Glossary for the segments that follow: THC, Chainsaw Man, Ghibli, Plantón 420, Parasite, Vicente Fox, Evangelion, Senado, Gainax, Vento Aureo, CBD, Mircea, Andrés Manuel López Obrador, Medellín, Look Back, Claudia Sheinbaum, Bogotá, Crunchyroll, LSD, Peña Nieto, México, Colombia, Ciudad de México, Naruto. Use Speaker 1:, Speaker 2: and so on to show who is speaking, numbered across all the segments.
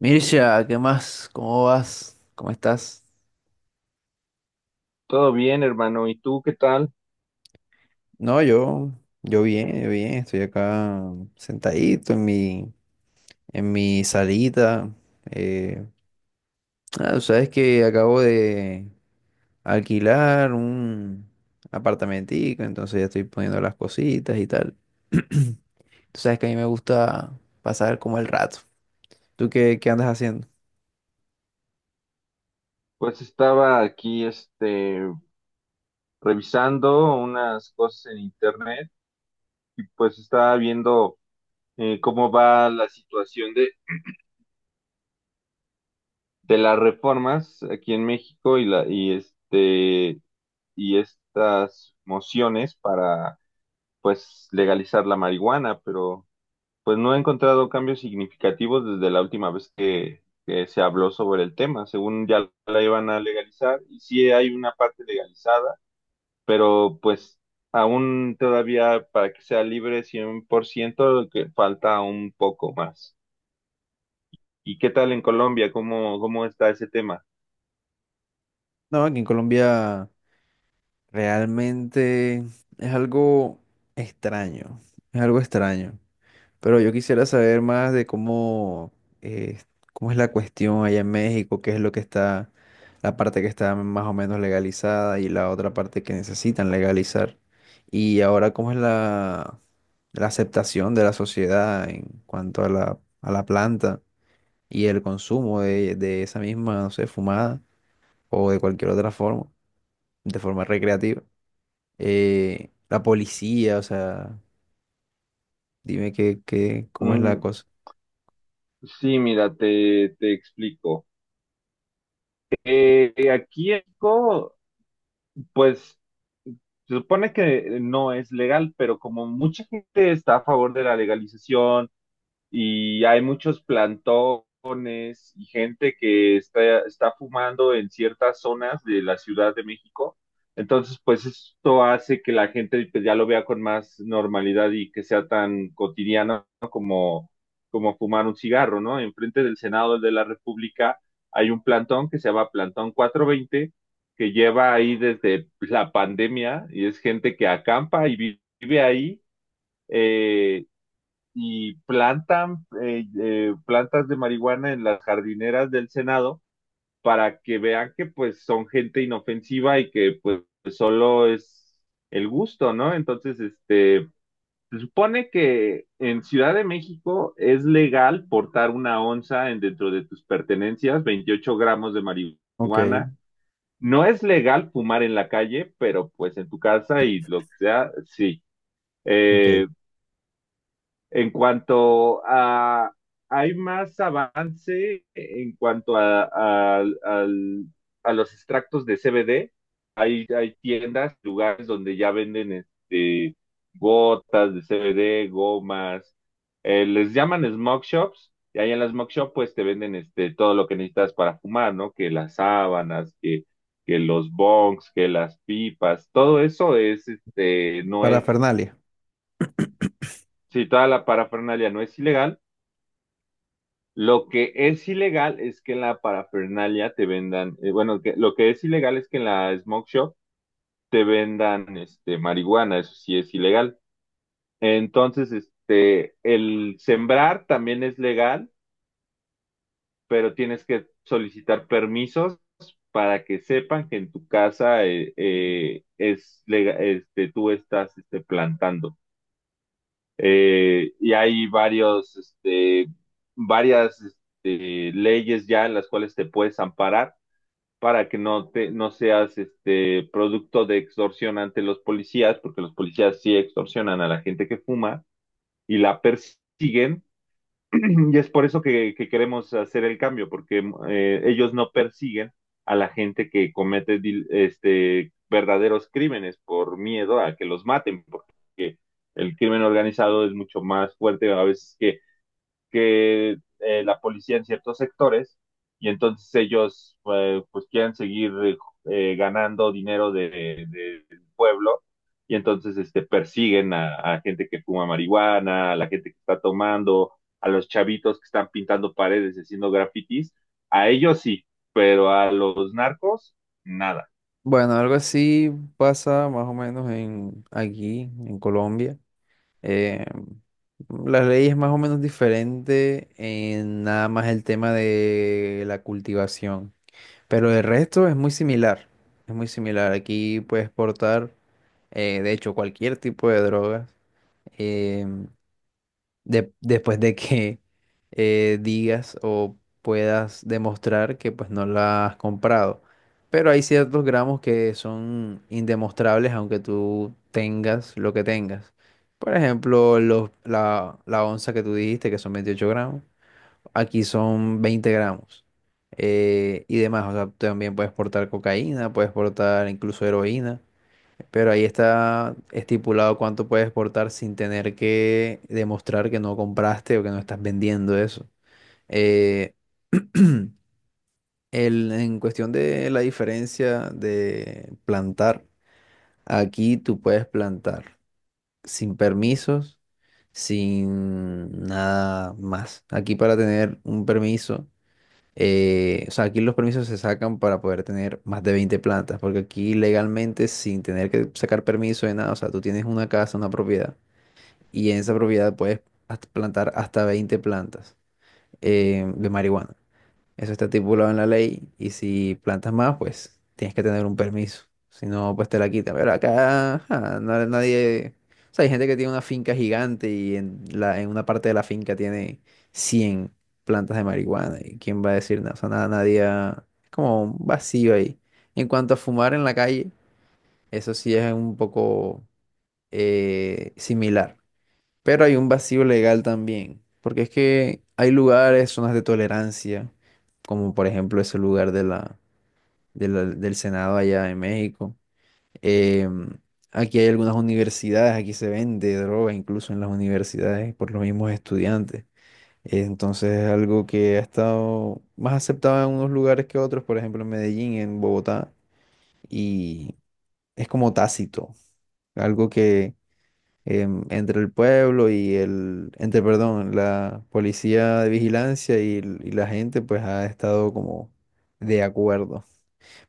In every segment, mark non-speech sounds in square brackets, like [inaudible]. Speaker 1: Mircea, ¿qué más? ¿Cómo vas? ¿Cómo estás?
Speaker 2: Todo bien, hermano. ¿Y tú qué tal?
Speaker 1: No, yo, yo bien, estoy acá sentadito en mi salita. eh, sabes que acabo de alquilar un apartamentico, entonces ya estoy poniendo las cositas y tal. [clears throat] Tú sabes que a mí me gusta pasar como el rato. ¿Tú qué andas haciendo?
Speaker 2: Pues estaba aquí, revisando unas cosas en internet y pues estaba viendo cómo va la situación de las reformas aquí en México y la, y y estas mociones para, pues, legalizar la marihuana, pero pues no he encontrado cambios significativos desde la última vez que se habló sobre el tema. Según ya la iban a legalizar y sí hay una parte legalizada, pero pues aún todavía para que sea libre 100%, que falta un poco más. ¿Y qué tal en Colombia? ¿Cómo, cómo está ese tema?
Speaker 1: No, aquí en Colombia realmente es algo extraño, es algo extraño. Pero yo quisiera saber más de eh, cómo es la cuestión allá en México, qué es lo que está, la parte que está más o menos legalizada y la otra parte que necesitan legalizar. Y ahora, cómo es la aceptación de la sociedad en cuanto a la planta y el consumo de esa misma, no sé, fumada o de cualquier otra forma, de forma recreativa. La policía, o sea, dime cómo es la
Speaker 2: Mm,
Speaker 1: cosa.
Speaker 2: sí, mira, te explico. Aquí en México, pues se supone que no es legal, pero como mucha gente está a favor de la legalización y hay muchos plantones, y gente que está, está fumando en ciertas zonas de la Ciudad de México. Entonces, pues esto hace que la gente, pues, ya lo vea con más normalidad y que sea tan cotidiano, ¿no? Como, como fumar un cigarro, ¿no? Enfrente del Senado de la República hay un plantón que se llama Plantón 420, que lleva ahí desde la pandemia y es gente que acampa y vive ahí, eh, y plantan plantas de marihuana en las jardineras del Senado para que vean que pues son gente inofensiva y que pues solo es el gusto, ¿no? Entonces, se supone que en Ciudad de México es legal portar una onza en dentro de tus pertenencias, 28 gramos de
Speaker 1: Ok,
Speaker 2: marihuana. No es legal fumar en la calle, pero pues en tu casa y lo que sea, sí.
Speaker 1: ok.
Speaker 2: Eh, en cuanto a, hay más avance en cuanto a, a los extractos de CBD. Hay, hay tiendas, lugares donde ya venden gotas de CBD, gomas. Les llaman smoke shops. Y ahí en las smoke shop pues te venden todo lo que necesitas para fumar, ¿no? Que las sábanas, que los bongs, que las pipas. Todo eso es, este, no es,
Speaker 1: Parafernalia.
Speaker 2: si toda la parafernalia no es ilegal. Lo que es ilegal es que en la parafernalia te vendan, bueno, lo que es ilegal es que en la smoke shop te vendan marihuana, eso sí es ilegal. Entonces, el sembrar también es legal, pero tienes que solicitar permisos para que sepan que en tu casa, es tú estás, plantando. Y hay varias, leyes ya en las cuales te puedes amparar para que no te, no seas, producto de extorsión ante los policías, porque los policías sí extorsionan a la gente que fuma y la persiguen, [clears throat] y es por eso que queremos hacer el cambio, porque ellos no persiguen a la gente que comete verdaderos crímenes por miedo a que los maten, porque el crimen organizado es mucho más fuerte a veces que la policía en ciertos sectores, y entonces ellos, pues quieren seguir, ganando dinero del pueblo, y entonces persiguen a gente que fuma marihuana, a la gente que está tomando, a los chavitos que están pintando paredes y haciendo grafitis, a ellos sí, pero a los narcos nada.
Speaker 1: Bueno, algo así pasa más o menos en aquí, en Colombia. Eh, la ley es más o menos diferente en nada más el tema de la cultivación, pero el resto es muy similar. Es muy similar. Aquí puedes portar de hecho, cualquier tipo de drogas. eh, Después de que digas o puedas demostrar que pues no la has comprado. Pero hay ciertos gramos que son indemostrables aunque tú tengas lo que tengas. Por ejemplo, la onza que tú dijiste que son 28 gramos, aquí son 20 gramos. Y demás, o sea, también puedes portar cocaína, puedes portar incluso heroína. Pero ahí está estipulado cuánto puedes exportar sin tener que demostrar que no compraste o que no estás vendiendo eso. Eh, [clears throat] en cuestión de la diferencia de plantar, aquí tú puedes plantar sin permisos, sin nada más. Aquí para tener un permiso, o sea, aquí los permisos se sacan para poder tener más de 20 plantas, porque aquí legalmente sin tener que sacar permiso de nada, o sea, tú tienes una casa, una propiedad y en esa propiedad puedes plantar hasta 20 plantas de marihuana. Eso está estipulado en la ley y si plantas más, pues tienes que tener un permiso. Si no, pues te la quitan. Pero acá ajá, nadie... O sea, hay gente que tiene una finca gigante y en una parte de la finca tiene 100 plantas de marihuana. ¿Y quién va a decir nada? O sea, nada, nadie... ha- es como un vacío ahí. En cuanto a fumar en la calle, eso sí es un poco similar. Pero hay un vacío legal también, porque es que hay lugares, zonas de tolerancia, como por ejemplo ese lugar del Senado allá en México. Em, Aquí hay algunas universidades, aquí se vende droga incluso en las universidades por los mismos estudiantes. Entonces es algo que ha estado más aceptado en unos lugares que otros, por ejemplo en Medellín, en Bogotá, y es como tácito, algo entre el pueblo y, perdón, la policía de vigilancia y la gente, pues ha estado como de acuerdo.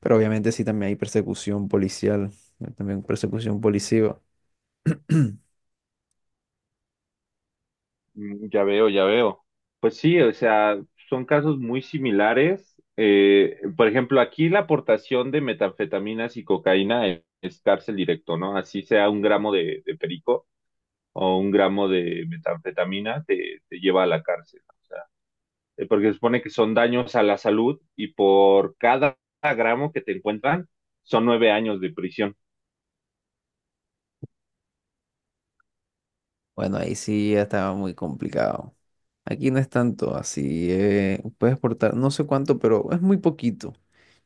Speaker 1: Pero obviamente sí también hay persecución policial, también persecución policiva. [clears throat]
Speaker 2: Mm, ya veo, ya veo. Pues sí, o sea, son casos muy similares. Por ejemplo, aquí la aportación de metanfetaminas y cocaína es cárcel directo, ¿no? Así sea un gramo de perico o un gramo de metanfetamina te, te lleva a la cárcel, ¿no? O sea, porque se supone que son daños a la salud y por cada gramo que te encuentran son 9 años de prisión.
Speaker 1: Bueno, ahí sí ya estaba muy complicado. Aquí no es tanto así, puedes portar, no sé cuánto, pero es muy poquito.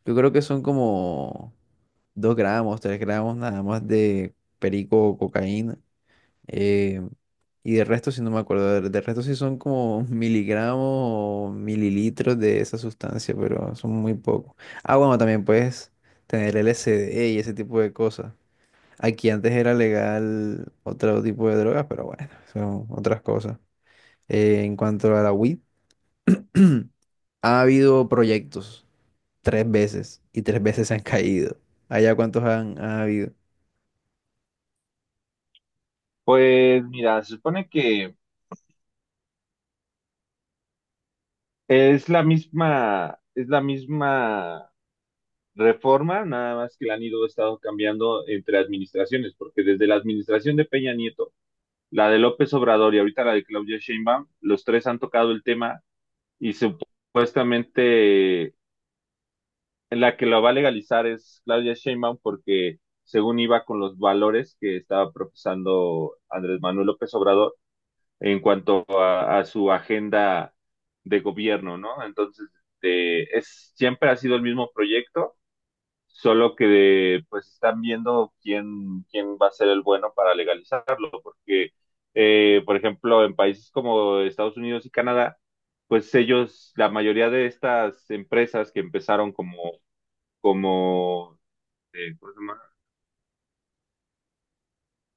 Speaker 1: Yo creo que son como 2 gramos, 3 gramos nada más de perico o cocaína. em, Y de resto, sí no me acuerdo, de resto sí son como miligramos o mililitros de esa sustancia, pero son muy pocos. Ah, bueno, también puedes tener LSD y ese tipo de cosas. Aquí antes era legal otro tipo de drogas, pero bueno, son otras cosas. En cuanto a la weed, [clears throat] ha habido proyectos tres veces y tres veces se han caído. ¿Allá cuántos ha habido?
Speaker 2: Pues mira, se supone que es la misma reforma, nada más que la han ido estado cambiando entre administraciones, porque desde la administración de Peña Nieto, la de López Obrador y ahorita la de Claudia Sheinbaum, los tres han tocado el tema, y supuestamente la que lo va a legalizar es Claudia Sheinbaum, porque según iba con los valores que estaba profesando Andrés Manuel López Obrador en cuanto a su agenda de gobierno, ¿no? Entonces, es, siempre ha sido el mismo proyecto, solo que pues están viendo quién, quién va a ser el bueno para legalizarlo, porque, por ejemplo, en países como Estados Unidos y Canadá, pues ellos, la mayoría de estas empresas que empezaron como, ¿cómo se llama?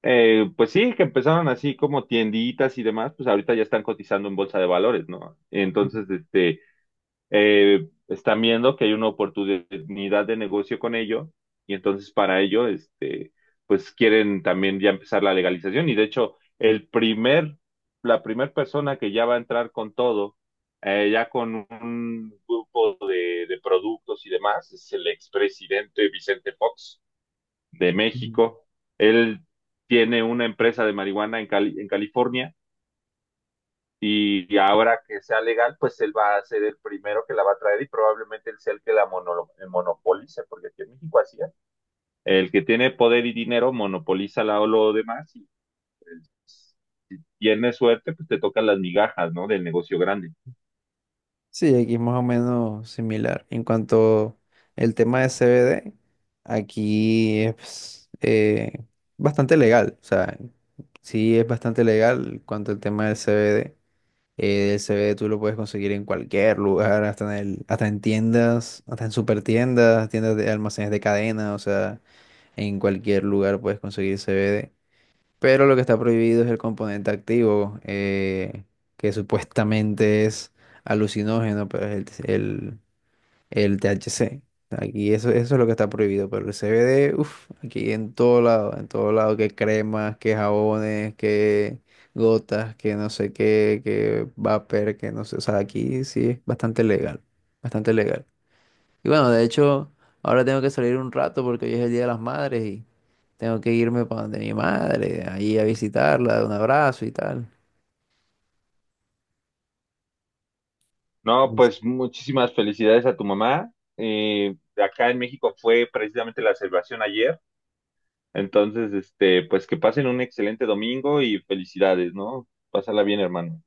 Speaker 2: Pues sí, que empezaron así como tienditas y demás, pues ahorita ya están cotizando en bolsa de valores, ¿no? Entonces, están viendo que hay una oportunidad de negocio con ello, y entonces para ello, pues quieren también ya empezar la legalización, y de hecho el primer, la primer persona que ya va a entrar con todo, ya con un grupo de productos y demás, es el expresidente Vicente Fox de México. Él tiene una empresa de marihuana en en California, y ahora que sea legal, pues él va a ser el primero que la va a traer y probablemente él sea el que la monopolice, porque aquí en México así es. El que tiene poder y dinero monopoliza la, lo demás, y pues, si tienes suerte, pues te tocan las migajas, ¿no? Del negocio grande.
Speaker 1: Sí, aquí es más o menos similar. En cuanto el tema de CBD, aquí es pues bastante legal. O sea, sí es bastante legal en cuanto al tema del CBD. El CBD tú lo puedes conseguir en cualquier lugar, hasta en hasta en tiendas, hasta en supertiendas, tiendas de almacenes de cadena, o sea, en cualquier lugar puedes conseguir CBD. Pero lo que está prohibido es el componente activo, que supuestamente es alucinógeno, pero es el THC. Aquí eso, eso es lo que está prohibido, pero el CBD, uff, aquí en todo lado, que cremas, que jabones, que gotas, que no sé qué, que vapor, que no sé, o sea, aquí sí es bastante legal, bastante legal. Y bueno, de hecho, ahora tengo que salir un rato porque hoy es el Día de las Madres, tengo que irme para donde mi madre, ahí a visitarla, dar un abrazo y tal.
Speaker 2: No, pues muchísimas felicidades a tu mamá. Acá en México fue precisamente la celebración ayer. Entonces, pues que pasen un excelente domingo y felicidades, ¿no? Pásala bien, hermano.